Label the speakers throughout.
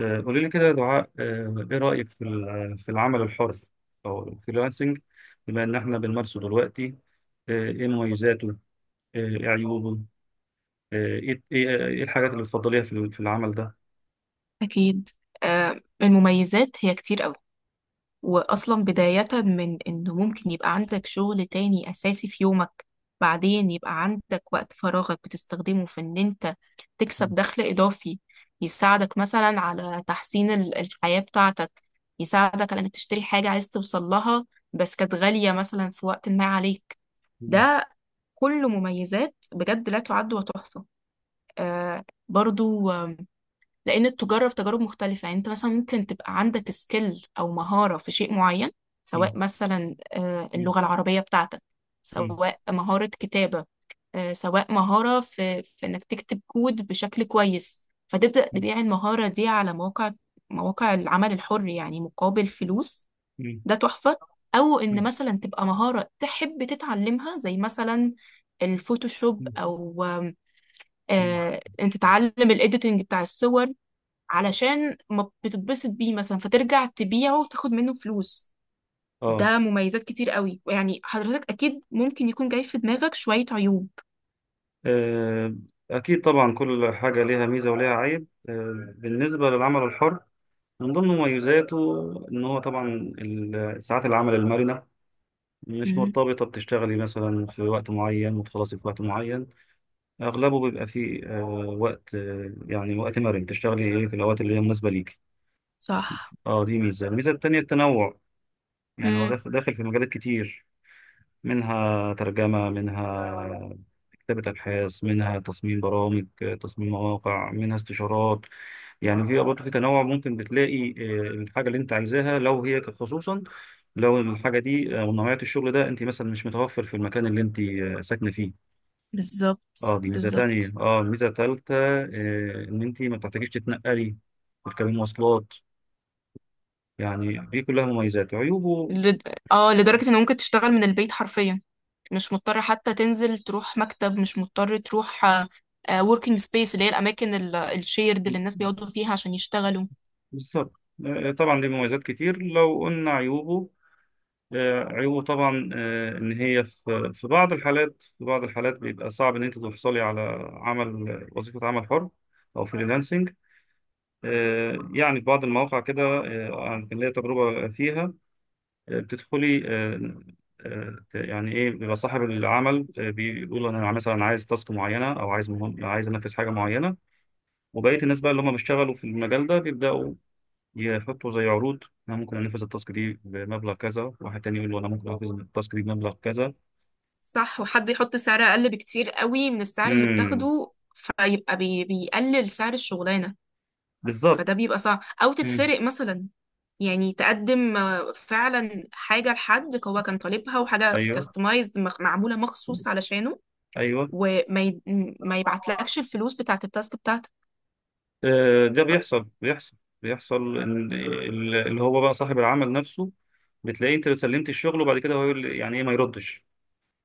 Speaker 1: قولي لي كده يا دعاء، ايه رأيك في في العمل الحر او الفريلانسنج؟ بما ان احنا بنمارسه دلوقتي، ايه مميزاته؟ ايه عيوبه؟ آه، ايه ايه إيه الحاجات اللي بتفضليها في في العمل ده؟
Speaker 2: أكيد. المميزات هي كتير أوي. وأصلا بداية من إنه ممكن يبقى عندك شغل تاني أساسي في يومك. بعدين يبقى عندك وقت فراغك بتستخدمه في إن أنت
Speaker 1: مم.
Speaker 2: تكسب دخل إضافي. يساعدك مثلا على تحسين الحياة بتاعتك. يساعدك على إنك تشتري حاجة عايز توصل لها، بس كانت غالية مثلا في وقت ما عليك.
Speaker 1: مم.
Speaker 2: ده كله مميزات بجد لا تعد وتحصى. آه برضو، لان تجرب تجارب مختلفة، يعني انت مثلا ممكن تبقى عندك سكيل او مهارة في شيء معين،
Speaker 1: مم.
Speaker 2: سواء مثلا
Speaker 1: مم.
Speaker 2: اللغة العربية بتاعتك،
Speaker 1: مم.
Speaker 2: سواء مهارة كتابة. سواء مهارة في انك تكتب كود بشكل كويس، فتبدأ
Speaker 1: مم.
Speaker 2: تبيع المهارة دي على مواقع العمل الحر يعني مقابل فلوس.
Speaker 1: مم.
Speaker 2: ده تحفة. او
Speaker 1: مم.
Speaker 2: ان مثلا تبقى مهارة تحب تتعلمها زي مثلا الفوتوشوب،
Speaker 1: مم.
Speaker 2: او
Speaker 1: مم.
Speaker 2: انت تتعلم الايديتنج بتاع الصور، علشان ما بتتبسط بيه مثلا فترجع تبيعه وتاخد منه فلوس.
Speaker 1: اه.
Speaker 2: ده مميزات كتير قوي. يعني حضرتك اكيد ممكن يكون جاي في دماغك شوية عيوب.
Speaker 1: آه، اكيد طبعا، كل حاجة ليها ميزة وليها عيب. بالنسبة للعمل الحر، من ضمن مميزاته ان هو طبعا ساعات العمل المرنة، مش
Speaker 2: مم.
Speaker 1: مرتبطة بتشتغلي مثلا في وقت معين وتخلصي في وقت معين. أغلبه بيبقى فيه وقت، يعني وقت مرن تشتغلي إيه في الأوقات اللي هي مناسبة ليكي.
Speaker 2: صح.
Speaker 1: أه دي ميزة. الميزة التانية التنوع، يعني هو
Speaker 2: مم.
Speaker 1: داخل في مجالات كتير، منها ترجمة، منها كتابة أبحاث، منها تصميم برامج، تصميم مواقع، منها استشارات. يعني في برضه في تنوع، ممكن بتلاقي الحاجة اللي أنت عايزاها. لو هي خصوصا لو الحاجة دي ونوعية الشغل ده أنت مثلا مش متوفر في المكان اللي أنت ساكنة فيه. اه
Speaker 2: بالظبط،
Speaker 1: دي ميزة تانية.
Speaker 2: بالظبط.
Speaker 1: اه ميزة تالتة، ان انت ما بتحتاجيش تتنقلي وتركبي مواصلات. يعني دي كلها مميزات. عيوبه؟
Speaker 2: لد... اه، لدرجة ان ممكن تشتغل من البيت حرفيا. مش مضطر حتى تنزل تروح مكتب، مش مضطر تروح working space، اللي هي الاماكن الشيرد اللي الناس بيقعدوا فيها عشان يشتغلوا.
Speaker 1: بالظبط. طبعا ليه مميزات كتير. لو قلنا عيوبه، عيوبه طبعا، ان هي في بعض الحالات، في بعض الحالات بيبقى صعب ان انت تحصلي على عمل، وظيفة، عمل حر او فريلانسنج. يعني في بعض المواقع كده، أنا كان ليا تجربة فيها، بتدخلي يعني ايه، بيبقى صاحب العمل بيقول انا مثلا عايز تاسك معينه، او عايز، مهم عايز انفذ حاجه معينه، وبقيه الناس بقى اللي هم بيشتغلوا في المجال ده بيبداوا يحطوا زي عروض: انا ممكن انفذ التاسك دي بمبلغ كذا، واحد تاني يقول له انا ممكن انفذ التاسك دي بمبلغ كذا.
Speaker 2: صح، وحد يحط سعر اقل بكتير قوي من السعر اللي
Speaker 1: امم.
Speaker 2: بتاخده، فيبقى بيقلل سعر الشغلانة.
Speaker 1: بالظبط.
Speaker 2: فده بيبقى صعب، او
Speaker 1: مم.
Speaker 2: تتسرق مثلا. يعني تقدم فعلا حاجة لحد هو كان طالبها، وحاجة
Speaker 1: ايوه.
Speaker 2: كاستمايزد معمولة مخصوص علشانه،
Speaker 1: ايوه.
Speaker 2: وما ي... ما يبعتلكش الفلوس بتاعت التاسك بتاعتك.
Speaker 1: ده بيحصل، بيحصل ان اللي هو بقى صاحب العمل نفسه بتلاقيه انت سلمت الشغل، وبعد كده هو يقول لي يعني ايه، ما يردش.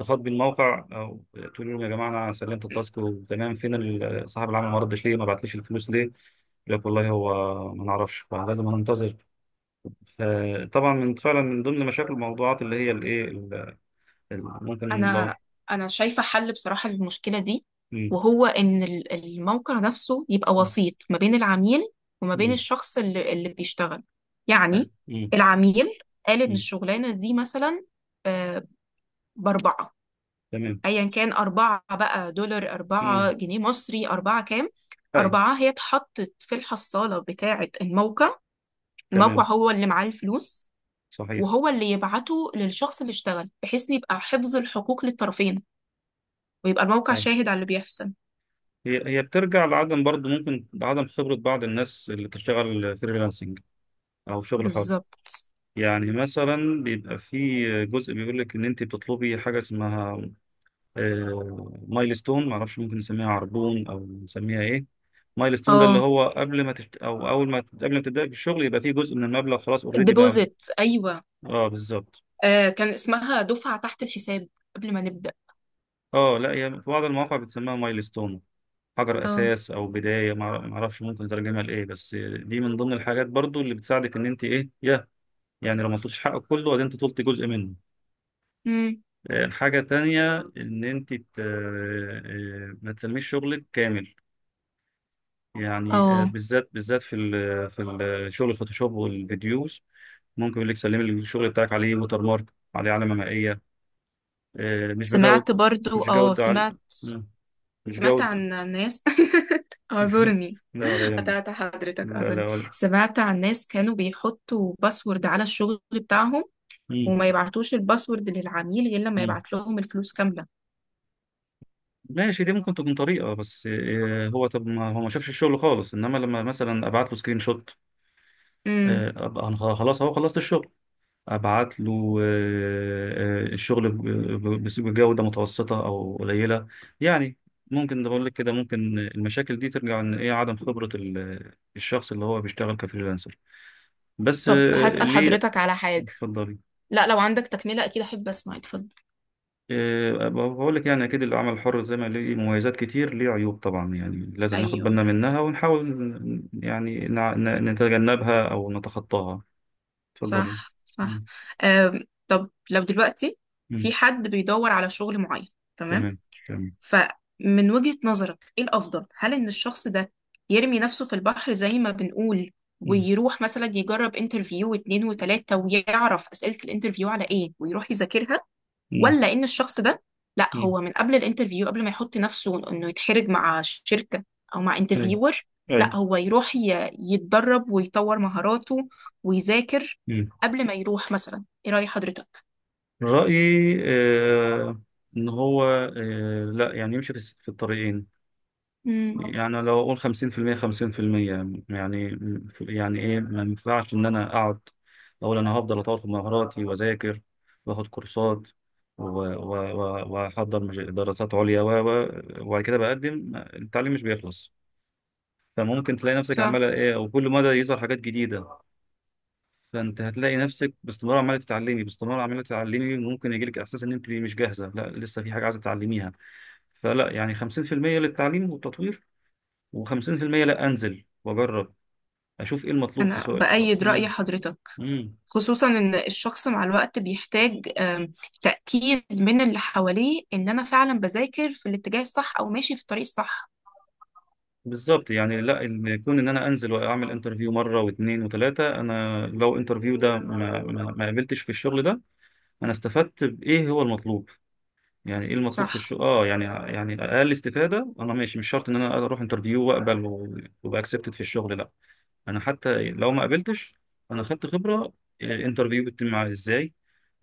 Speaker 1: اتصلت بالموقع أو تقول لهم: يا جماعه انا سلمت التاسك وتمام، فين صاحب العمل؟ ما ردش، ليه ما بعتليش الفلوس؟ ليه يقول لك والله هو ما نعرفش، فلازم هننتظر. فطبعا من فعلا من ضمن مشاكل الموضوعات اللي هي الايه ممكن لو.
Speaker 2: انا انا شايفه حل بصراحه للمشكله دي.
Speaker 1: مم.
Speaker 2: وهو ان الموقع نفسه يبقى وسيط ما بين العميل وما بين
Speaker 1: مم.
Speaker 2: الشخص اللي بيشتغل. يعني
Speaker 1: مم.
Speaker 2: العميل قال ان
Speaker 1: مم.
Speaker 2: الشغلانه دي مثلا آه، باربعه،
Speaker 1: تمام.
Speaker 2: ايا كان اربعه بقى دولار،
Speaker 1: مم.
Speaker 2: اربعه جنيه مصري، اربعه كام.
Speaker 1: اي.
Speaker 2: اربعه هي اتحطت في الحصاله بتاعه الموقع، الموقع
Speaker 1: تمام.
Speaker 2: هو اللي معاه الفلوس،
Speaker 1: صحيح.
Speaker 2: وهو اللي يبعته للشخص اللي اشتغل، بحيث إن يبقى حفظ الحقوق للطرفين، ويبقى الموقع
Speaker 1: اي.
Speaker 2: شاهد على اللي بيحصل.
Speaker 1: هي هي بترجع لعدم، برضه ممكن لعدم خبره بعض الناس اللي بتشتغل فريلانسنج او شغل حر.
Speaker 2: بالظبط.
Speaker 1: يعني مثلا بيبقى في جزء بيقول لك ان انت بتطلبي حاجه اسمها مايلستون، ما اعرفش ممكن نسميها عربون او نسميها ايه. مايلستون ده اللي
Speaker 2: اه،
Speaker 1: هو قبل ما او اول ما، قبل ما تبداي في الشغل يبقى فيه جزء من المبلغ خلاص اوريدي بقى.
Speaker 2: الديبوزيت، ايوه.
Speaker 1: اه بالظبط.
Speaker 2: كان اسمها دفعة تحت الحساب قبل ما نبدأ.
Speaker 1: اه لا هي في بعض المواقع بتسميها مايلستون، حجر
Speaker 2: اه.
Speaker 1: اساس او بدايه. ما اعرفش ممكن تترجمها لايه، بس دي من ضمن الحاجات برضو اللي بتساعدك ان انت ايه يا، يعني لو ما طلبتش حقك كله وبعدين انت طلبت جزء منه.
Speaker 2: امم.
Speaker 1: الحاجة التانية إن أنت ما تسميش شغلك كامل. يعني
Speaker 2: اه،
Speaker 1: بالذات بالذات في ال شغل الفوتوشوب والفيديوز، ممكن يقول لك سلمي لي الشغل بتاعك عليه ووتر مارك، عليه علامة مائية. مش
Speaker 2: سمعت
Speaker 1: بجودة،
Speaker 2: برضو،
Speaker 1: مش
Speaker 2: اه،
Speaker 1: جودة علي.
Speaker 2: سمعت
Speaker 1: مم. مش
Speaker 2: سمعت عن
Speaker 1: جودة.
Speaker 2: ناس اعذرني.
Speaker 1: لا ولا يهمك.
Speaker 2: قطعت حضرتك،
Speaker 1: لا
Speaker 2: اعذرني.
Speaker 1: لا ولا.
Speaker 2: سمعت عن ناس كانوا بيحطوا باسورد على الشغل بتاعهم،
Speaker 1: مم.
Speaker 2: وما يبعتوش الباسورد للعميل غير لما
Speaker 1: مم.
Speaker 2: يبعت لهم الفلوس كاملة.
Speaker 1: ماشي، دي ممكن تكون طريقة، بس هو طب ما هو ما شافش الشغل خالص، إنما لما مثلا أبعت له سكرين شوت،
Speaker 2: امم
Speaker 1: أبقى أنا خلاص أهو خلصت الشغل، ابعت له الشغل بجودة متوسطة او قليلة يعني. ممكن ده بقول لك كده، ممكن المشاكل دي ترجع ان ايه عدم خبرة الشخص اللي هو بيشتغل كفريلانسر. بس
Speaker 2: طب هسأل
Speaker 1: ليه.
Speaker 2: حضرتك على حاجة.
Speaker 1: اتفضلي.
Speaker 2: لا، لو عندك تكملة اكيد احب اسمع، اتفضل.
Speaker 1: بقول لك يعني اكيد العمل الحر زي ما ليه مميزات كتير ليه عيوب طبعا، يعني لازم ناخد
Speaker 2: ايوه،
Speaker 1: بالنا منها ونحاول يعني نتجنبها او نتخطاها. اتفضلي.
Speaker 2: صح، صح.
Speaker 1: مم.
Speaker 2: طب لو دلوقتي في
Speaker 1: مم.
Speaker 2: حد بيدور على شغل معين، تمام؟
Speaker 1: تمام. تمام.
Speaker 2: فمن وجهة نظرك ايه الأفضل؟ هل إن الشخص ده يرمي نفسه في البحر زي ما بنقول،
Speaker 1: مم.
Speaker 2: ويروح مثلا يجرب انترفيو واتنين وتلاتة، ويعرف أسئلة الانترفيو على ايه ويروح يذاكرها؟
Speaker 1: مم.
Speaker 2: ولا ان الشخص ده، لا
Speaker 1: مم.
Speaker 2: هو من قبل الانترفيو، قبل ما يحط نفسه انه يتحرج مع شركة او مع
Speaker 1: أي.
Speaker 2: انترفيور، لا
Speaker 1: أي.
Speaker 2: هو يروح يتدرب ويطور مهاراته ويذاكر
Speaker 1: مم.
Speaker 2: قبل ما يروح مثلا؟ ايه رأي حضرتك؟
Speaker 1: رأيي إن هو، لا يعني يمشي في الطريقين.
Speaker 2: امم
Speaker 1: يعني لو أقول 50%، 50% يعني، يعني إيه، ما ينفعش إن أنا أقعد أقول أنا هفضل أطور في مهاراتي وأذاكر وآخد كورسات وأحضر دراسات عليا وبعد كده بقدم. التعليم مش بيخلص، فممكن تلاقي نفسك
Speaker 2: صح،
Speaker 1: عمالة إيه، وكل مدى يظهر حاجات جديدة. فانت هتلاقي نفسك باستمرار عماله تتعلمي، باستمرار عماله تتعلمي، ممكن يجيلك احساس ان انت مش جاهزه، لا لسه في حاجه عايزه تتعلميها. فلا، يعني 50% للتعليم والتطوير، و50% لا انزل واجرب اشوف ايه المطلوب في
Speaker 2: انا
Speaker 1: سؤال.
Speaker 2: بأيد رأي
Speaker 1: امم.
Speaker 2: حضرتك.
Speaker 1: امم.
Speaker 2: خصوصا ان الشخص مع الوقت بيحتاج تأكيد من اللي حواليه ان انا فعلا بذاكر في الاتجاه الصح او ماشي في الطريق الصح.
Speaker 1: بالظبط. يعني لا، ان كون ان انا انزل واعمل انترفيو مره واثنين وثلاثه، انا لو انترفيو ده ما قابلتش في الشغل ده، انا استفدت بايه هو المطلوب. يعني ايه المطلوب في
Speaker 2: صح.
Speaker 1: الشغل؟ اه يعني، يعني اقل استفاده انا ماشي، مش شرط ان انا اروح انترفيو واقبل وابقى اكسبتد في الشغل. لا انا حتى لو ما قابلتش انا خدت خبره، يعني الانترفيو بيتم معايا ازاي؟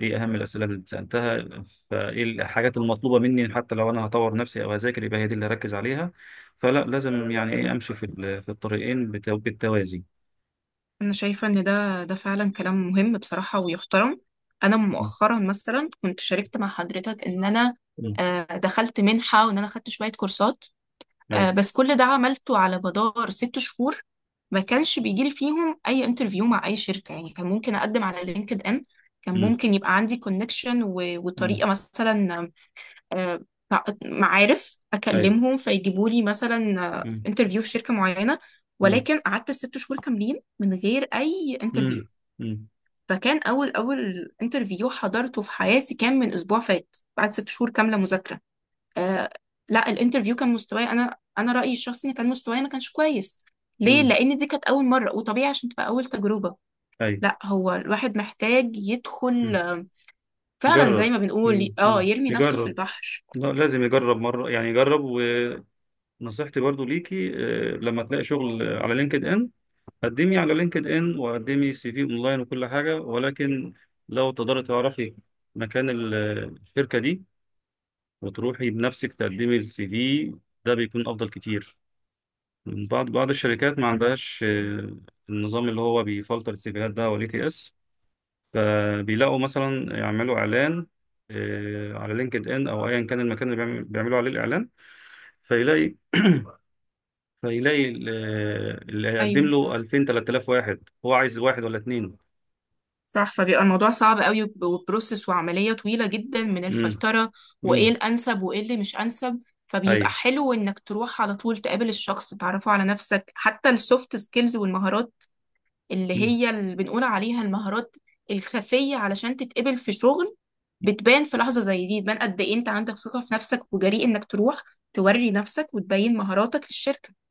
Speaker 1: ايه اهم الاسئله اللي سالتها؟ فايه الحاجات المطلوبه مني؟ حتى لو انا هطور نفسي او هذاكر يبقى هي دي اللي هركز عليها. فلا، لازم يعني ايه امشي في في الطريقين بالتوازي.
Speaker 2: أنا شايفة إن ده فعلا كلام مهم بصراحة ويحترم. أنا
Speaker 1: مم.
Speaker 2: مؤخرا مثلا كنت شاركت مع حضرتك إن أنا
Speaker 1: مم.
Speaker 2: دخلت منحة وإن أنا خدت شوية كورسات.
Speaker 1: ايوه.
Speaker 2: بس كل ده عملته على مدار 6 شهور. ما كانش بيجيلي فيهم أي انترفيو مع أي شركة. يعني كان ممكن أقدم على لينكد إن، كان
Speaker 1: مم.
Speaker 2: ممكن يبقى عندي كونكشن
Speaker 1: مم.
Speaker 2: وطريقة مثلا، آه، معارف
Speaker 1: ايوه.
Speaker 2: اكلمهم فيجيبوا لي مثلا
Speaker 1: مم.
Speaker 2: انترفيو في شركه معينه.
Speaker 1: مم.
Speaker 2: ولكن قعدت 6 شهور كاملين من غير اي انترفيو.
Speaker 1: مم. مم.
Speaker 2: فكان اول انترفيو حضرته في حياتي كان من اسبوع فات، بعد 6 شهور كامله مذاكره. آه لا، الانترفيو كان مستواي، انا رايي الشخصي ان كان مستواي ما كانش كويس. ليه؟
Speaker 1: مم.
Speaker 2: لان دي كانت اول مره، وطبيعي عشان تبقى اول تجربه.
Speaker 1: ايوه.
Speaker 2: لا، هو الواحد محتاج يدخل فعلا زي
Speaker 1: يجرب.
Speaker 2: ما بنقول،
Speaker 1: مم.
Speaker 2: اه
Speaker 1: مم.
Speaker 2: يرمي نفسه في
Speaker 1: يجرب.
Speaker 2: البحر.
Speaker 1: لا لازم يجرب مرة، يعني يجرب. ونصيحتي برضو ليكي لما تلاقي شغل على لينكد ان، قدمي على لينكد ان وقدمي سي في اونلاين وكل حاجة، ولكن لو تقدري تعرفي مكان الشركة دي وتروحي بنفسك تقدمي السي في، ده بيكون افضل كتير. بعض الشركات ما عندهاش النظام اللي هو بيفلتر السيفيهات ده، وال تي اس. فبيلاقوا مثلا يعملوا اعلان على لينكد ان او ايا كان المكان اللي بيعملوا عليه الاعلان، فيلاقي فيلاقي اللي هيقدم
Speaker 2: ايوه،
Speaker 1: له 2000، 3000، واحد هو عايز، واحد ولا اتنين.
Speaker 2: صح. فبيبقى الموضوع صعب قوي، وبروسس وعملية طويلة جدا من
Speaker 1: امم.
Speaker 2: الفلترة، وايه
Speaker 1: امم.
Speaker 2: الانسب وايه اللي مش انسب. فبيبقى
Speaker 1: اي.
Speaker 2: حلو انك تروح على طول تقابل الشخص، تعرفه على نفسك، حتى السوفت سكيلز والمهارات اللي هي اللي بنقول عليها المهارات الخفية، علشان تتقبل في شغل. بتبان في لحظة زي دي، بتبان قد ايه انت عندك ثقة في نفسك وجريء انك تروح توري نفسك وتبين مهاراتك للشركة.